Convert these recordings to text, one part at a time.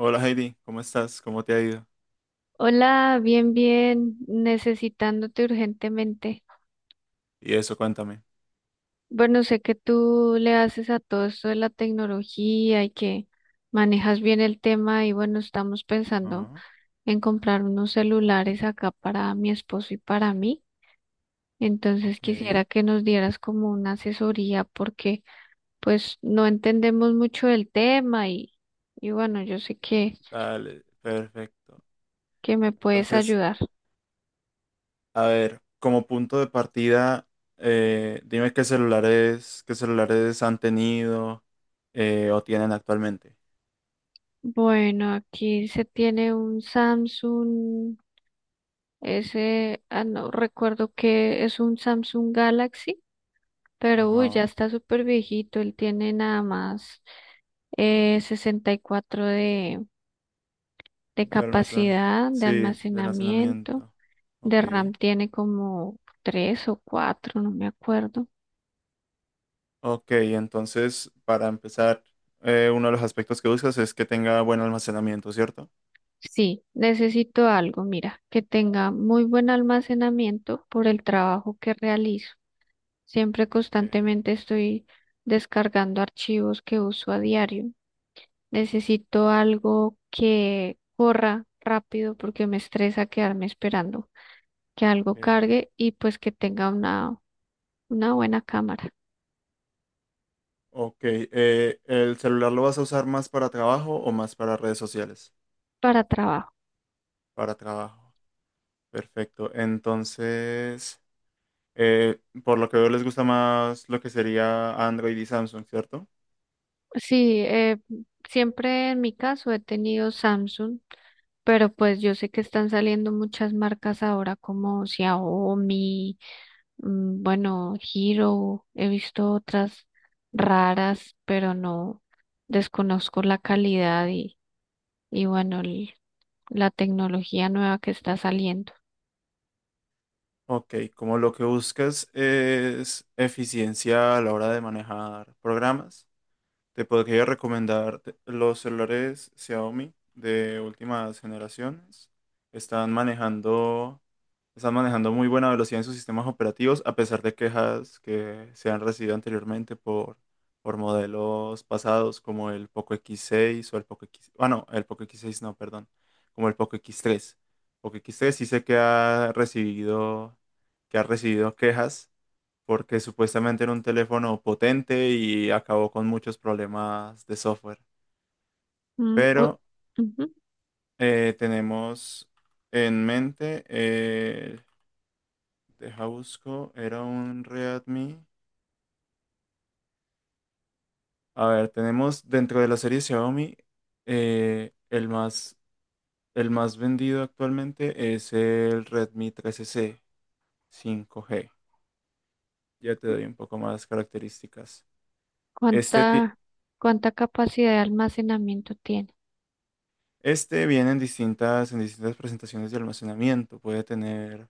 Hola Heidi, ¿cómo estás? ¿Cómo te ha ido? Hola, bien, bien, necesitándote urgentemente. Y eso, cuéntame. Bueno, sé que tú le haces a todo esto de la tecnología y que manejas bien el tema y bueno, estamos pensando Ajá, en comprar unos celulares acá para mi esposo y para mí. Entonces ok, quisiera que nos dieras como una asesoría porque pues no entendemos mucho del tema y bueno, yo sé que, dale, perfecto. que me puedes Entonces, ayudar. a ver, como punto de partida, dime qué celulares han tenido, o tienen actualmente. Bueno, aquí se tiene un Samsung. Ah, no, recuerdo que es un Samsung Galaxy, pero uy, ya Ajá, está súper viejito. Él tiene nada más 64 de de almacenamiento. capacidad de Sí, de almacenamiento. almacenamiento. Ok. De RAM tiene como 3 o 4, no me acuerdo. Ok, entonces, para empezar, uno de los aspectos que buscas es que tenga buen almacenamiento, ¿cierto? Sí, necesito algo, mira, que tenga muy buen almacenamiento por el trabajo que realizo. Siempre Ok, constantemente estoy descargando archivos que uso a diario. Necesito algo que corra rápido porque me estresa quedarme esperando que algo ok. cargue y pues que tenga una buena cámara Ok, ¿el celular lo vas a usar más para trabajo o más para redes sociales? para trabajo. Para trabajo. Perfecto. Entonces, por lo que veo, les gusta más lo que sería Android y Samsung, ¿cierto? Sí, siempre en mi caso he tenido Samsung, pero pues yo sé que están saliendo muchas marcas ahora como Xiaomi, bueno, Hero, he visto otras raras, pero no desconozco la calidad y bueno, el la tecnología nueva que está saliendo. Ok, como lo que buscas es eficiencia a la hora de manejar programas, te podría recomendar los celulares Xiaomi de últimas generaciones. Están manejando Están manejando muy buena velocidad en sus sistemas operativos, a pesar de quejas que se han recibido anteriormente por modelos pasados como el Poco X6 o el Poco X, ah, no, el Poco X6 no, perdón, como el Poco X3. Poco X3 sí sé que ha recibido, quejas porque supuestamente era un teléfono potente y acabó con muchos problemas de software. Mm, Pero ujú. Tenemos en mente. Deja busco, era un Redmi. A ver, tenemos dentro de la serie Xiaomi, eh, el más, el más vendido actualmente es el Redmi 13C 5G. Ya te doy un poco más características. Este, ti- ¿Cuánta, cuánta capacidad de almacenamiento tiene? este viene en distintas presentaciones de almacenamiento. Puede tener,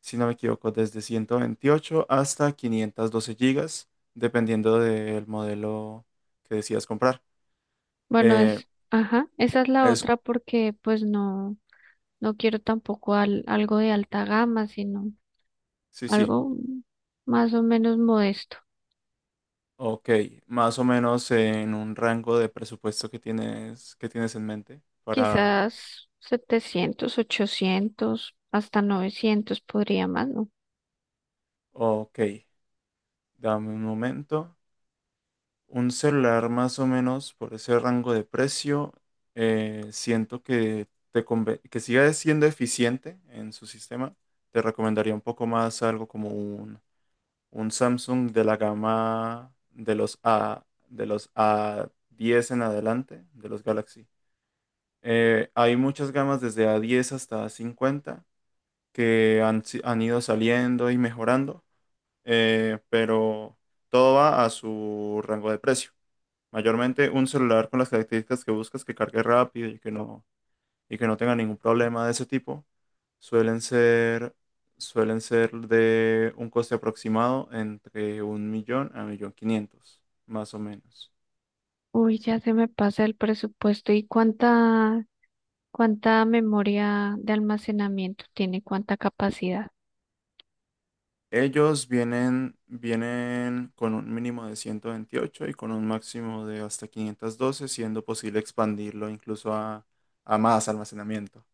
si no me equivoco, desde 128 hasta 512 gigas, dependiendo del modelo que decidas comprar. Bueno, Eh, ajá, esa es la es, otra porque pues no, no quiero tampoco algo de alta gama, sino sí, sí. algo más o menos modesto. Ok, más o menos en un rango de presupuesto que tienes, en mente para. Quizás 700, 800, hasta 900 podría más, ¿no? Ok, dame un momento. Un celular más o menos por ese rango de precio, siento que siga siendo eficiente en su sistema. Te recomendaría un poco más algo como un Samsung de la gama de los A, de los A10 en adelante, de los Galaxy. Hay muchas gamas desde A10 hasta A50 que han, si- han ido saliendo y mejorando, pero todo va a su rango de precio. Mayormente un celular con las características que buscas, que cargue rápido y que no tenga ningún problema de ese tipo, suelen ser, suelen ser de un coste aproximado entre un millón a un millón quinientos, más o menos. Uy, ya se me pasa el presupuesto. ¿Y cuánta memoria de almacenamiento tiene? ¿Cuánta capacidad? Ellos vienen con un mínimo de 128 y con un máximo de hasta 512, siendo posible expandirlo incluso a más almacenamiento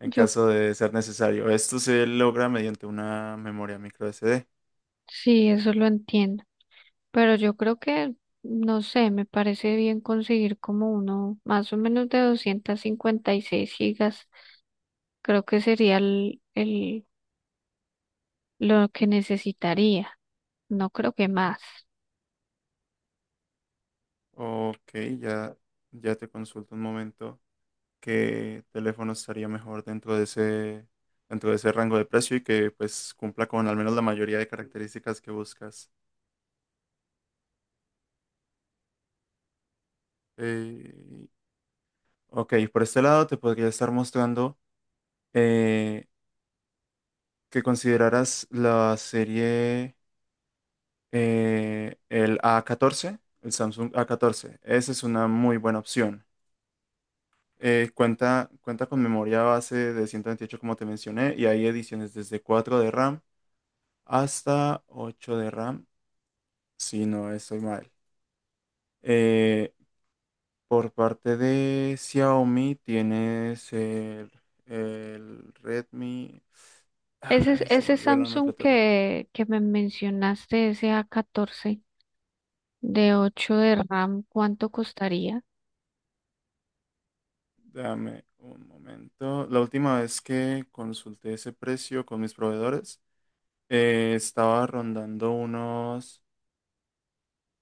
en Yo caso de ser necesario. Esto se logra mediante una memoria micro SD. sí, eso lo entiendo. Pero yo creo que, no sé, me parece bien conseguir como uno más o menos de 256 gigas. Creo que sería el lo que necesitaría. No creo que más. Ok, ya, ya te consulto un momento qué teléfono estaría mejor dentro de ese rango de precio y que pues cumpla con al menos la mayoría de características que buscas. Eh, Ok, por este lado te podría estar mostrando, eh, que consideraras la serie, el A14, el Samsung A14. Esa es una muy buena opción. Cuenta con memoria base de 128 como te mencioné y hay ediciones desde 4 de RAM hasta 8 de RAM, si no estoy mal. Eh, por parte de Xiaomi tienes el Redmi. Ese, Ay, se me ese olvidó la Samsung nomenclatura. que me mencionaste, ese A14. De 8 de RAM, ¿cuánto costaría? Dame un momento. La última vez que consulté ese precio con mis proveedores, estaba rondando unos,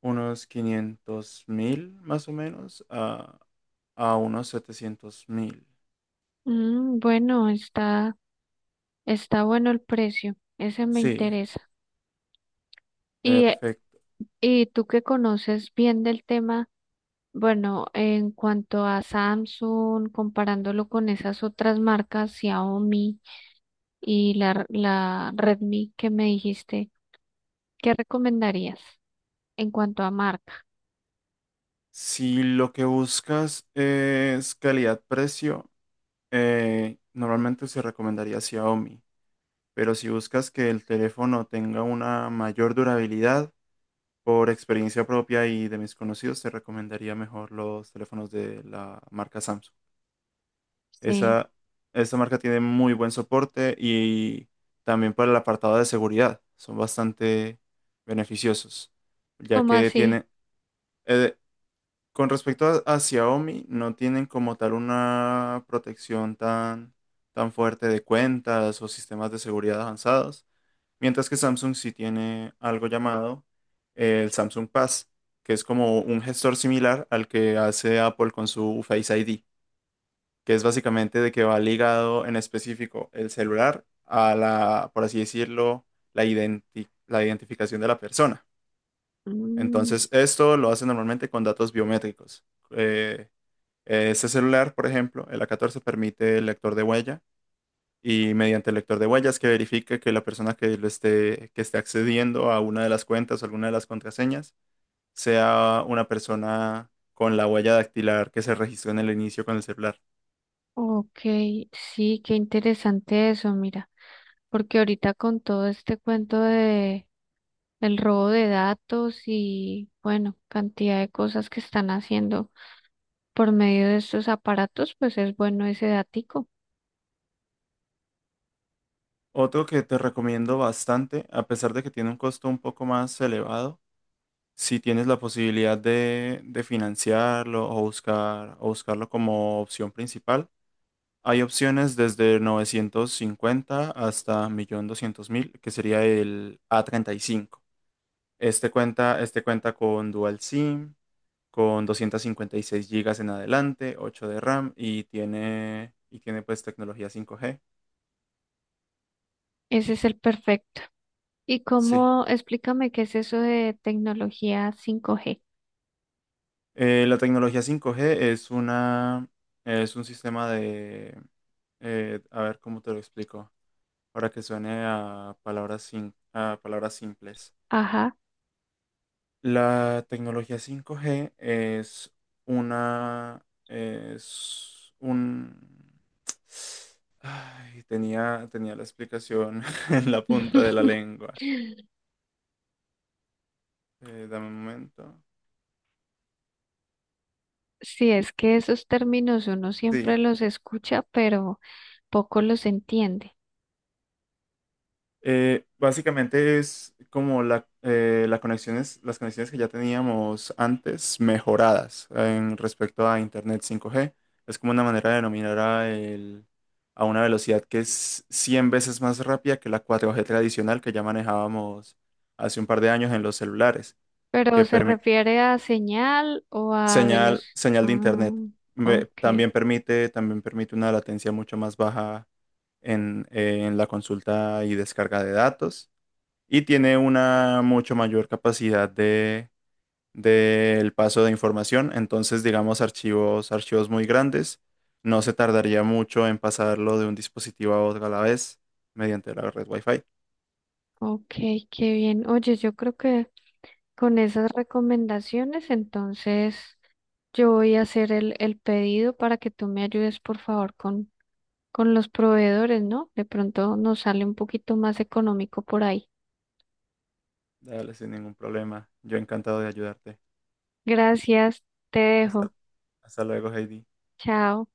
unos 500 mil más o menos a unos 700 mil. Bueno, está bueno el precio, ese me Sí, interesa. Y, eh, perfecto. y tú que conoces bien del tema, bueno, en cuanto a Samsung, comparándolo con esas otras marcas, Xiaomi y la Redmi que me dijiste, ¿qué recomendarías en cuanto a marca? Si lo que buscas es calidad-precio, normalmente se recomendaría Xiaomi, pero si buscas que el teléfono tenga una mayor durabilidad, por experiencia propia y de mis conocidos, te recomendaría mejor los teléfonos de la marca Samsung. Sí, Esa, esa marca tiene muy buen soporte y también para el apartado de seguridad son bastante beneficiosos, ya ¿cómo que así? tiene, eh, con respecto a Xiaomi, no tienen como tal una protección tan, tan fuerte de cuentas o sistemas de seguridad avanzados. Mientras que Samsung sí tiene algo llamado, el Samsung Pass, que es como un gestor similar al que hace Apple con su Face ID, que es básicamente de que va ligado en específico el celular a la, por así decirlo, la identificación de la persona. Mm, Entonces, esto lo hace normalmente con datos biométricos. Eh, este celular, por ejemplo, el A14 permite el lector de huella y mediante el lector de huellas que verifique que la persona que esté accediendo a una de las cuentas o alguna de las contraseñas sea una persona con la huella dactilar que se registró en el inicio con el celular. ok, sí, qué interesante eso, mira, porque ahorita con todo este cuento de el robo de datos y bueno, cantidad de cosas que están haciendo por medio de estos aparatos, pues es bueno ese datico. Otro que te recomiendo bastante, a pesar de que tiene un costo un poco más elevado, si tienes la posibilidad de financiarlo o buscarlo como opción principal, hay opciones desde 950 hasta 1.200.000, que sería el A35. Este cuenta con Dual SIM, con 256 gigas en adelante, 8 de RAM y tiene pues tecnología 5G. Ese es el perfecto. ¿Y Sí. cómo, explícame qué es eso de tecnología 5G? La tecnología 5G es una, es un sistema de, a ver cómo te lo explico, para que suene a palabras, sin, a palabras simples. Ajá. La tecnología cinco g es una, es un, ay, tenía la explicación en la punta de la lengua. Dame un momento. Sí, es que esos términos uno siempre Sí. los escucha, pero poco los entiende. Básicamente es como las conexiones que ya teníamos antes mejoradas, en respecto a Internet 5G. Es como una manera de denominar a una velocidad que es 100 veces más rápida que la 4G tradicional que ya manejábamos hace un par de años en los celulares. Pero que se permi- refiere a señal o a veloz. señal, señal de Ah, Internet. Me- ok, También permite, también permite una latencia mucho más baja en la consulta y descarga de datos y tiene una mucho mayor capacidad de del paso de información. Entonces, digamos, archivos muy grandes, no se tardaría mucho en pasarlo de un dispositivo a otro a la vez mediante la red Wi-Fi. ok, qué bien. Oye, yo creo que con esas recomendaciones, entonces yo voy a hacer el pedido para que tú me ayudes, por favor, con los proveedores, ¿no? De pronto nos sale un poquito más económico por ahí. Dale, sin ningún problema. Yo encantado de ayudarte. Gracias, te Hasta, dejo. hasta luego, Heidi. Chao.